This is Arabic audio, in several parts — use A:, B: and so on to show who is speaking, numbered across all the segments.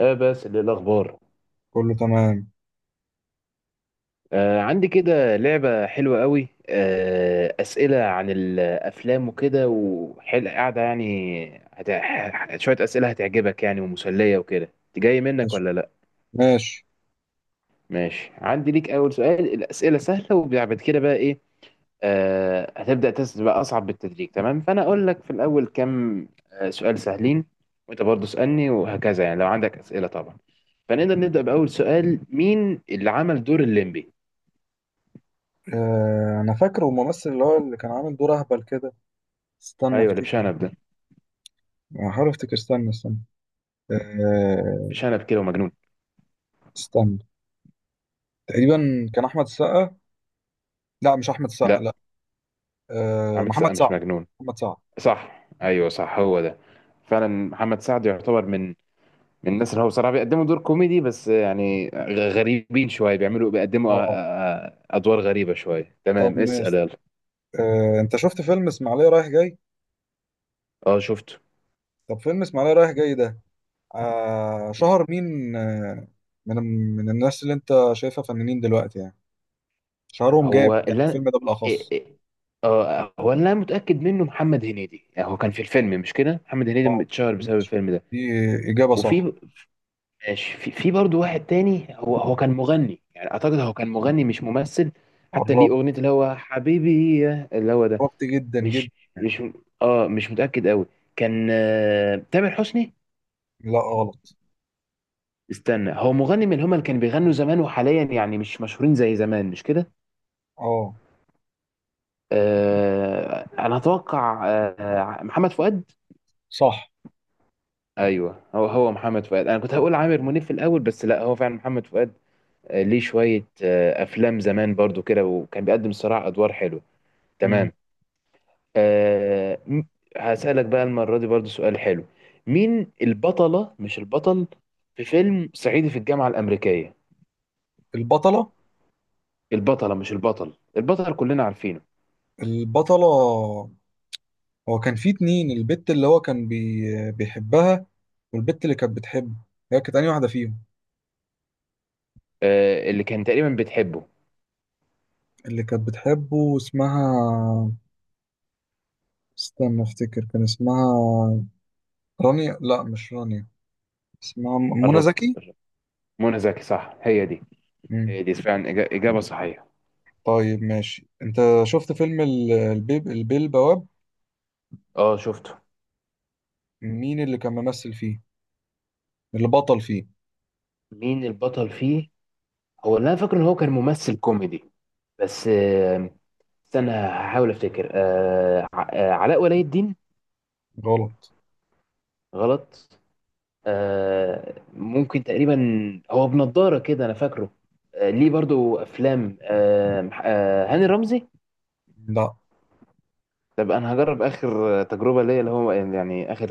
A: بس للأخبار.
B: كله تمام.
A: عندي كده لعبة حلوة قوي، أسئلة عن الأفلام وكده وحل قاعدة يعني شوية أسئلة هتعجبك يعني ومسلية وكده، جاي منك
B: ماشي.
A: ولا لأ؟
B: ماشي.
A: ماشي، عندي ليك أول سؤال، الأسئلة سهلة وبعد كده بقى إيه، هتبدأ تسأل بقى أصعب بالتدريج، تمام؟ فأنا أقول لك في الأول كام سؤال سهلين، وأنت برضه اسألني وهكذا يعني، لو عندك أسئلة طبعا. فنقدر نبدأ بأول سؤال، مين اللي عمل دور الليمبي؟
B: انا فاكره الممثل اللي هو اللي كان عامل دور اهبل كده. استنى
A: ايوه، اللي
B: افتكر.
A: بشنب ده،
B: احاول افتكر. استنى استنى. آه
A: بشنب كده ومجنون.
B: استنى. تقريبا كان احمد السقا. لا، مش احمد السقا.
A: لا،
B: لا.
A: عامل سقا
B: محمد
A: مش
B: سعد.
A: مجنون.
B: محمد سعد.
A: صح، ايوه صح، هو ده. فعلا محمد سعد يعتبر من من الناس اللي هو بصراحه بيقدموا دور كوميدي بس يعني غريبين شويه، بيعملوا بيقدموا
B: اه،
A: ادوار غريبه شويه.
B: طب
A: تمام، اسال
B: ماشي.
A: يلا.
B: انت شفت فيلم اسماعيليه رايح جاي؟
A: اه شفته.
B: طب فيلم اسماعيليه رايح جاي ده،
A: مم.
B: شهر مين من من الناس اللي انت شايفها فنانين دلوقتي، يعني شهرهم جامد،
A: هو
B: يعني
A: اللي انا
B: الفيلم ده
A: إيه-
B: بالاخص.
A: إيه- اه، هو اللي انا متاكد منه محمد هنيدي، يعني هو كان في الفيلم مش كده؟ محمد هنيدي اتشهر بسبب
B: ماشي.
A: الفيلم ده.
B: دي اجابه صح.
A: وفي ماشي، في برضه واحد تاني، هو كان مغني يعني، اعتقد هو كان مغني مش ممثل، حتى ليه
B: قربت.
A: اغنيه اللي هو حبيبي اللي هو ده.
B: قربت جدا جدا.
A: مش مش اه مش متاكد قوي. كان تامر حسني.
B: لا، غلط.
A: استنى، هو مغني، من هما اللي كانوا بيغنوا زمان وحاليا يعني مش مشهورين زي زمان، مش كده؟
B: اه،
A: انا اتوقع محمد فؤاد.
B: صح.
A: ايوه هو هو محمد فؤاد، انا كنت هقول عامر منيب في الاول بس لا، هو فعلا محمد فؤاد. ليه شويه افلام زمان برضو كده، وكان بيقدم صراع ادوار حلو.
B: مم.
A: تمام. أه م- هسألك بقى المرة دي برضو سؤال حلو، مين البطلة مش البطل في فيلم صعيدي في الجامعة الأمريكية؟
B: البطلة.
A: البطلة مش البطل، البطل كلنا عارفينه.
B: البطلة. هو كان في اتنين، البت اللي هو كان بيحبها، والبت اللي كانت بتحبه، هي كانت أنهي واحدة فيهم؟
A: أه اللي كان تقريبا بتحبه.
B: اللي كانت بتحبه اسمها، استنى افتكر، كان اسمها رانيا. لا، مش رانيا. اسمها منى
A: قربت.
B: زكي.
A: منى زكي صح، هي دي.
B: مم.
A: هي دي فعلا إجابة صحيحة.
B: طيب ماشي. انت شفت فيلم ال- البيب البيه البواب؟
A: اه شفته.
B: مين اللي كان ممثل فيه؟ اللي بطل فيه؟
A: مين البطل فيه؟ هو اللي أنا فاكره إن هو كان ممثل كوميدي، بس استنى هحاول أفتكر. أه ع- آه، علاء ولي الدين.
B: غلط.
A: غلط؟ ممكن، تقريبا هو بنضارة كده انا فاكره. ليه برضو افلام، هاني رمزي.
B: لا،
A: طب انا هجرب اخر تجربة ليا، اللي هو يعني اخر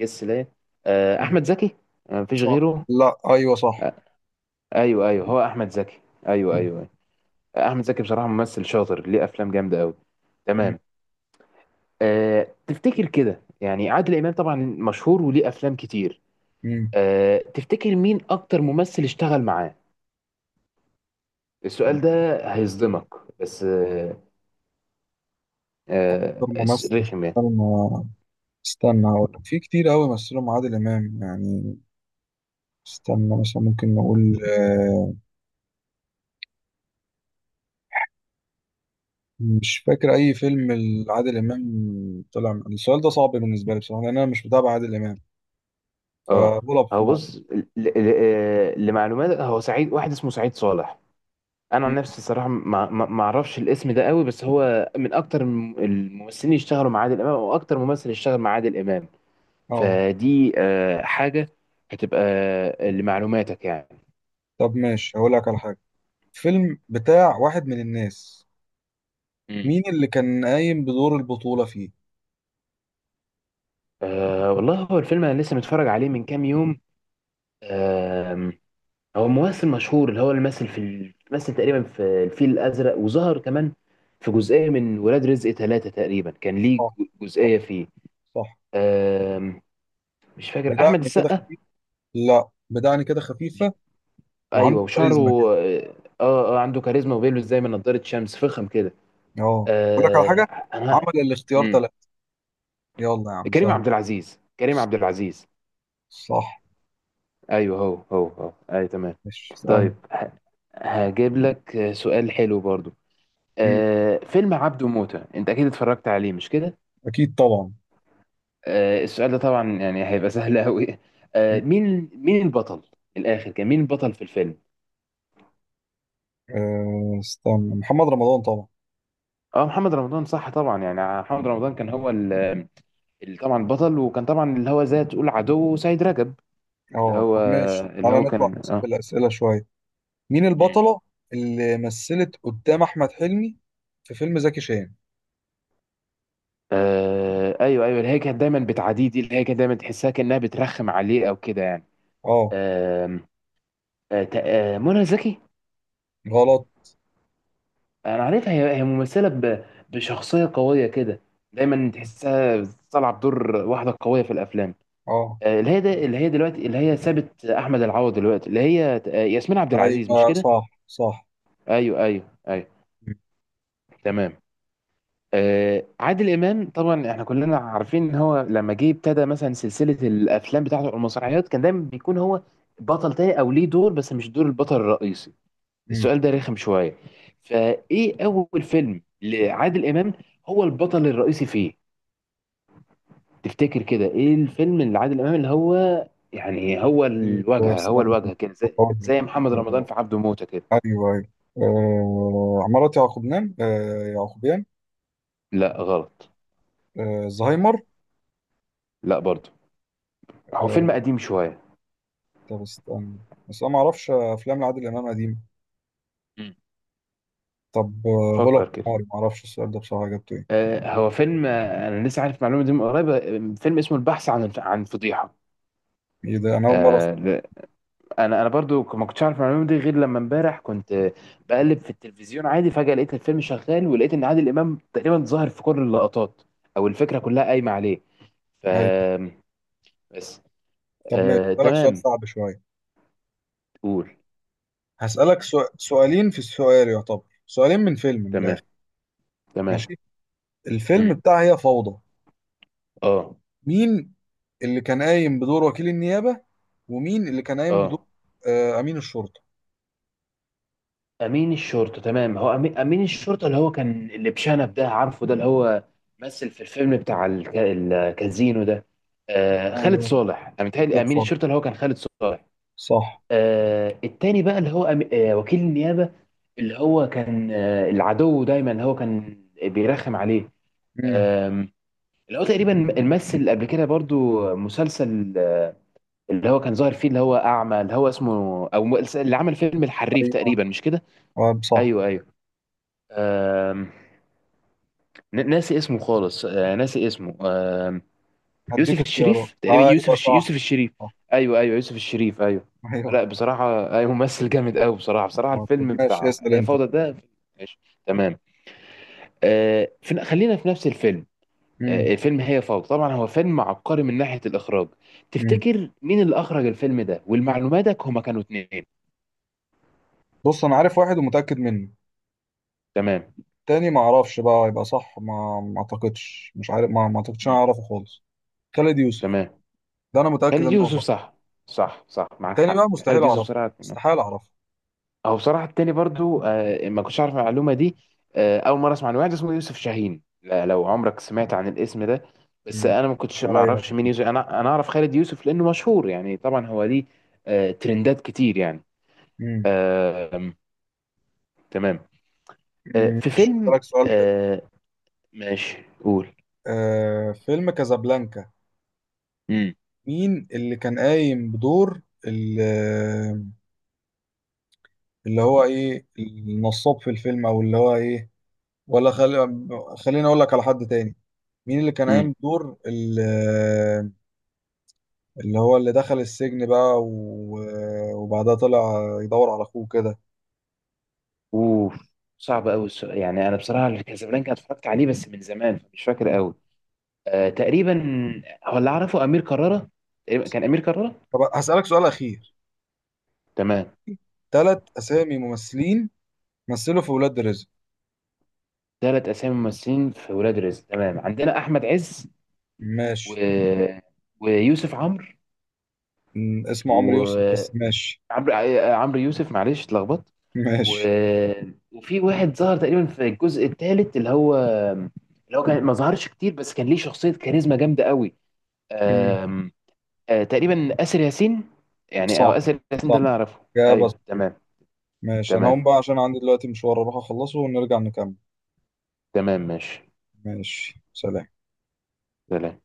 A: جس ليا. احمد زكي. مفيش
B: صح.
A: غيره.
B: لا، ايوه، صح.
A: آه، ايوه ايوه، هو احمد زكي. ايوه
B: مم.
A: ايوه، أيوة. احمد زكي بصراحة ممثل شاطر، ليه افلام جامدة قوي.
B: مم.
A: تمام. أه تفتكر كده يعني، عادل امام طبعا مشهور وليه افلام كتير،
B: مم.
A: أه تفتكر مين اكتر ممثل اشتغل معاه؟ السؤال ده هيصدمك بس آه،
B: دور ممثل؟
A: رخم يعني.
B: استنى. استنى هقول لك، في كتير قوي مثلهم عادل امام يعني. استنى، مثلا ممكن نقول، مش فاكر اي فيلم لعادل امام. السؤال ده صعب بالنسبه لي بصراحه، لان انا مش متابع عادل امام،
A: اه.
B: فبقول
A: هو
B: بحمار.
A: بص لمعلومات، هو سعيد، واحد اسمه سعيد صالح. انا عن
B: مم.
A: نفسي الصراحه ما اعرفش الاسم ده قوي، بس هو من اكتر الممثلين اللي اشتغلوا مع عادل امام، او اكتر ممثل اشتغل مع عادل امام.
B: اه.
A: فدي حاجه هتبقى لمعلوماتك يعني.
B: طب ماشي، هقول لك على حاجه. فيلم بتاع واحد من الناس،
A: مم.
B: مين اللي كان قايم بدور البطوله فيه؟
A: والله هو الفيلم انا لسه متفرج عليه من كام يوم. هو ممثل مشهور، اللي هو اللي مثل في مثل تقريبا في الفيل الازرق، وظهر كمان في جزئيه من ولاد رزق ثلاثة تقريبا، كان ليه
B: صح. صح.
A: جزئيه فيه.
B: صح.
A: آم، مش فاكر، احمد
B: بدقن كده
A: السقا؟
B: خفيف. لا، بدقن كده خفيفه. وعنده
A: ايوه وشعره.
B: كاريزما كده.
A: اه اه، عنده كاريزما وبيلبس زي ما نضاره شمس فخم كده.
B: اه، اقول لك على
A: آه
B: حاجه.
A: انا.
B: عمل الاختيار
A: مم.
B: ثلاثة. يلا يا عم،
A: كريم
B: سهل.
A: عبد العزيز، كريم عبد العزيز.
B: صح.
A: ايوه هو هو هو، ايوه تمام.
B: مش سهل.
A: طيب هجيب لك سؤال حلو برضو،
B: مم.
A: فيلم عبده موتة انت اكيد اتفرجت عليه مش كده؟
B: اكيد طبعا.
A: السؤال ده طبعا يعني هيبقى سهل قوي.
B: مم.
A: مين مين البطل؟ من الاخر، كان مين البطل في الفيلم؟
B: استنى، محمد رمضان طبعا.
A: اه محمد رمضان صح، طبعا يعني محمد رمضان كان هو طبعا البطل، وكان طبعا اللي هو زي تقول عدو سيد رجب. اللي
B: اه،
A: هو
B: طب ماشي.
A: اللي
B: تعالى
A: هو
B: نطلع
A: كان
B: بس في
A: اه.
B: الاسئله شويه. مين
A: مم.
B: البطله اللي مثلت قدام احمد حلمي في فيلم زكي شان؟
A: ايوه ايوه، اللي هي كانت دايما بتعاديه دي، اللي هي كانت دايما تحسها كانها بترخم عليه او كده يعني.
B: اه،
A: آم، آه، تق- آه، منى زكي.
B: غلط.
A: انا عارفها، هي هي ممثله بشخصيه قويه كده، دايما
B: مم.
A: تحسها طالعه بدور واحده قويه في الافلام.
B: اه،
A: اللي هي ده اللي هي دلوقتي اللي هي سابت احمد العوض دلوقتي، اللي هي ياسمين عبد العزيز
B: ايوه،
A: مش كده؟
B: صح، صح.
A: ايوه ايوه ايوه.
B: مم.
A: تمام. عادل امام طبعا احنا كلنا عارفين ان هو لما جه ابتدى مثلا سلسله الافلام بتاعته أو المسرحيات، كان دايما بيكون هو بطل تاني او ليه دور بس مش دور البطل الرئيسي. السؤال ده رخم شوية، فايه اول فيلم لعادل امام هو البطل الرئيسي فيه؟ تفتكر كده، ايه الفيلم اللي عادل امام اللي هو يعني هو
B: مم.
A: الواجهة، هو
B: استنى
A: الواجهة كده زي،
B: هقول
A: زي محمد
B: لك.
A: رمضان في عبده موتة كده.
B: ايوه، ايوه. عمارة يعقوبيان، يعقوبيان.
A: لا غلط.
B: زهايمر.
A: لا برضه. هو فيلم
B: آه
A: قديم شوية.
B: طب استنى، بس انا ما اعرفش افلام لعادل امام قديمه.
A: مم.
B: طب غلا
A: فكر كده.
B: قماري، ما اعرفش السؤال ده بصراحه جبته ايه.
A: هو فيلم، انا لسه عارف معلومة دي من قريب، فيلم اسمه البحث عن عن فضيحة.
B: ايه ده؟ انا اول مره أسمع.
A: آه انا برضو ما كنتش عارف المعلومه دي غير لما امبارح كنت بقلب في التلفزيون عادي، فجاه لقيت الفيلم شغال، ولقيت ان عادل امام تقريبا ظاهر في كل اللقطات او الفكره كلها قايمه عليه. ف
B: ايوه.
A: بس.
B: طب ماشي، هسألك سؤال
A: تمام،
B: صعب شويه.
A: قول.
B: هسألك سؤالين في السؤال، يعتبر سؤالين من فيلم من الاخر.
A: تمام تمام.
B: ماشي. الفيلم
A: مم.
B: بتاع هي فوضى،
A: اه.
B: مين اللي كان قايم بدور وكيل النيابه؟ ومين اللي كان قايم بدور
A: اه،
B: امين الشرطه؟
A: امين الشرطه تمام. هو امين، أمين الشرطه اللي هو كان اللي بشنب ده، عارفه ده اللي هو مثل في الفيلم بتاع الكازينو ده. خالد
B: ايوه،
A: صالح، انا متهيألي
B: خالد
A: امين
B: صالح.
A: الشرطه اللي هو كان خالد صالح.
B: صح.
A: آه التاني بقى اللي هو وكيل النيابة، اللي هو كان العدو دايما اللي هو كان بيرخم عليه.
B: مم.
A: آم، اللي هو تقريبا مثل قبل كده برضو مسلسل اللي هو كان ظاهر فيه اللي هو أعمى، اللي هو اسمه اللي عمل فيلم الحريف
B: ايوه،
A: تقريبا مش كده؟
B: اه، صح.
A: أيوه أيوه. آم، ناسي اسمه خالص، آه ناسي اسمه.
B: هديك
A: يوسف
B: اختيارات.
A: الشريف تقريبا،
B: ايوه، صح،
A: يوسف الشريف.
B: صح.
A: ايوه ايوه يوسف الشريف ايوه.
B: ايوه.
A: لا بصراحه ايوه، ممثل جامد قوي بصراحه، بصراحه
B: طب
A: الفيلم
B: ماشي،
A: بتاع
B: اسال
A: هي
B: انت.
A: فوضى ده. ماشي تمام. خلينا في نفس الفيلم،
B: امم
A: الفيلم هي فوضى، طبعا هو فيلم عبقري من ناحيه الاخراج،
B: امم
A: تفتكر مين اللي اخرج الفيلم ده؟ والمعلوماتك هما كانوا اتنين.
B: بص، انا عارف واحد ومتاكد منه.
A: تمام.
B: تاني ما اعرفش بقى، يبقى صح. ما اعتقدش، مش عارف. ما اعتقدش انا
A: مم.
B: اعرفه خالص. خالد يوسف.
A: تمام،
B: ده انا
A: خالد
B: متاكد انه
A: يوسف
B: صح.
A: صح. صح صح معاك
B: تاني بقى
A: حق،
B: مستحيل
A: خالد يوسف
B: اعرفه.
A: بصراحه.
B: مستحيل اعرفه.
A: هو بصراحة التاني برضو ما كنتش عارف المعلومة دي، أول مرة أسمع عن واحد اسمه يوسف شاهين، لو عمرك سمعت عن الاسم ده، بس
B: امم
A: أنا ما
B: مش
A: كنتش ما
B: عليا.
A: أعرفش مين يوسف، أنا أعرف خالد يوسف لأنه مشهور يعني، طبعا هو ليه ترندات كتير يعني.
B: امم
A: آه آم، تمام.
B: امم
A: في فيلم.
B: لك سؤال حلو.
A: آه ماشي، قول.
B: فيلم كازابلانكا.
A: امم.
B: مين اللي كان قايم بدور ال- اللي هو ايه النصاب في الفيلم؟ او اللي هو ايه؟ ولا خلي، خليني اقول لك على حد تاني. مين اللي كان
A: امم.
B: قايم بدور اللي هو اللي دخل السجن بقى وبعدها طلع يدور على اخوه كده؟
A: أوف، صعب أوي السؤال يعني، أنا بصراحة كازابلانكا اتفرجت عليه بس من زمان فمش فاكر أوي. تقريبا هو اللي أعرفه أمير كرارة، تقريباً كان أمير كرارة.
B: طب هسألك سؤال اخير.
A: تمام.
B: ثلاث اسامي ممثلين مثلوا في ولاد رزق.
A: ثلاث اسامي ممثلين في ولاد رزق تمام، عندنا احمد عز، و...
B: ماشي.
A: ويوسف عمرو،
B: اسمه عمرو يوسف
A: وعمرو،
B: بس. ماشي.
A: عمرو يوسف، معلش اتلخبطت. و...
B: ماشي.
A: وفي واحد ظهر تقريبا في الجزء الثالث اللي هو، اللي هو كان ما ظهرش كتير بس كان ليه شخصية كاريزما جامدة قوي.
B: م،
A: أم... أه تقريبا آسر ياسين، يعني او
B: صح،
A: آسر ياسين
B: صح.
A: ده اللي اعرفه،
B: إجابة
A: ايوه
B: صحيحة.
A: تمام.
B: ماشي، انا
A: تمام
B: هقوم بقى عشان عندي دلوقتي مشوار اروح اخلصه ونرجع نكمل.
A: تمام، ماشي
B: ماشي، سلام.
A: سلام.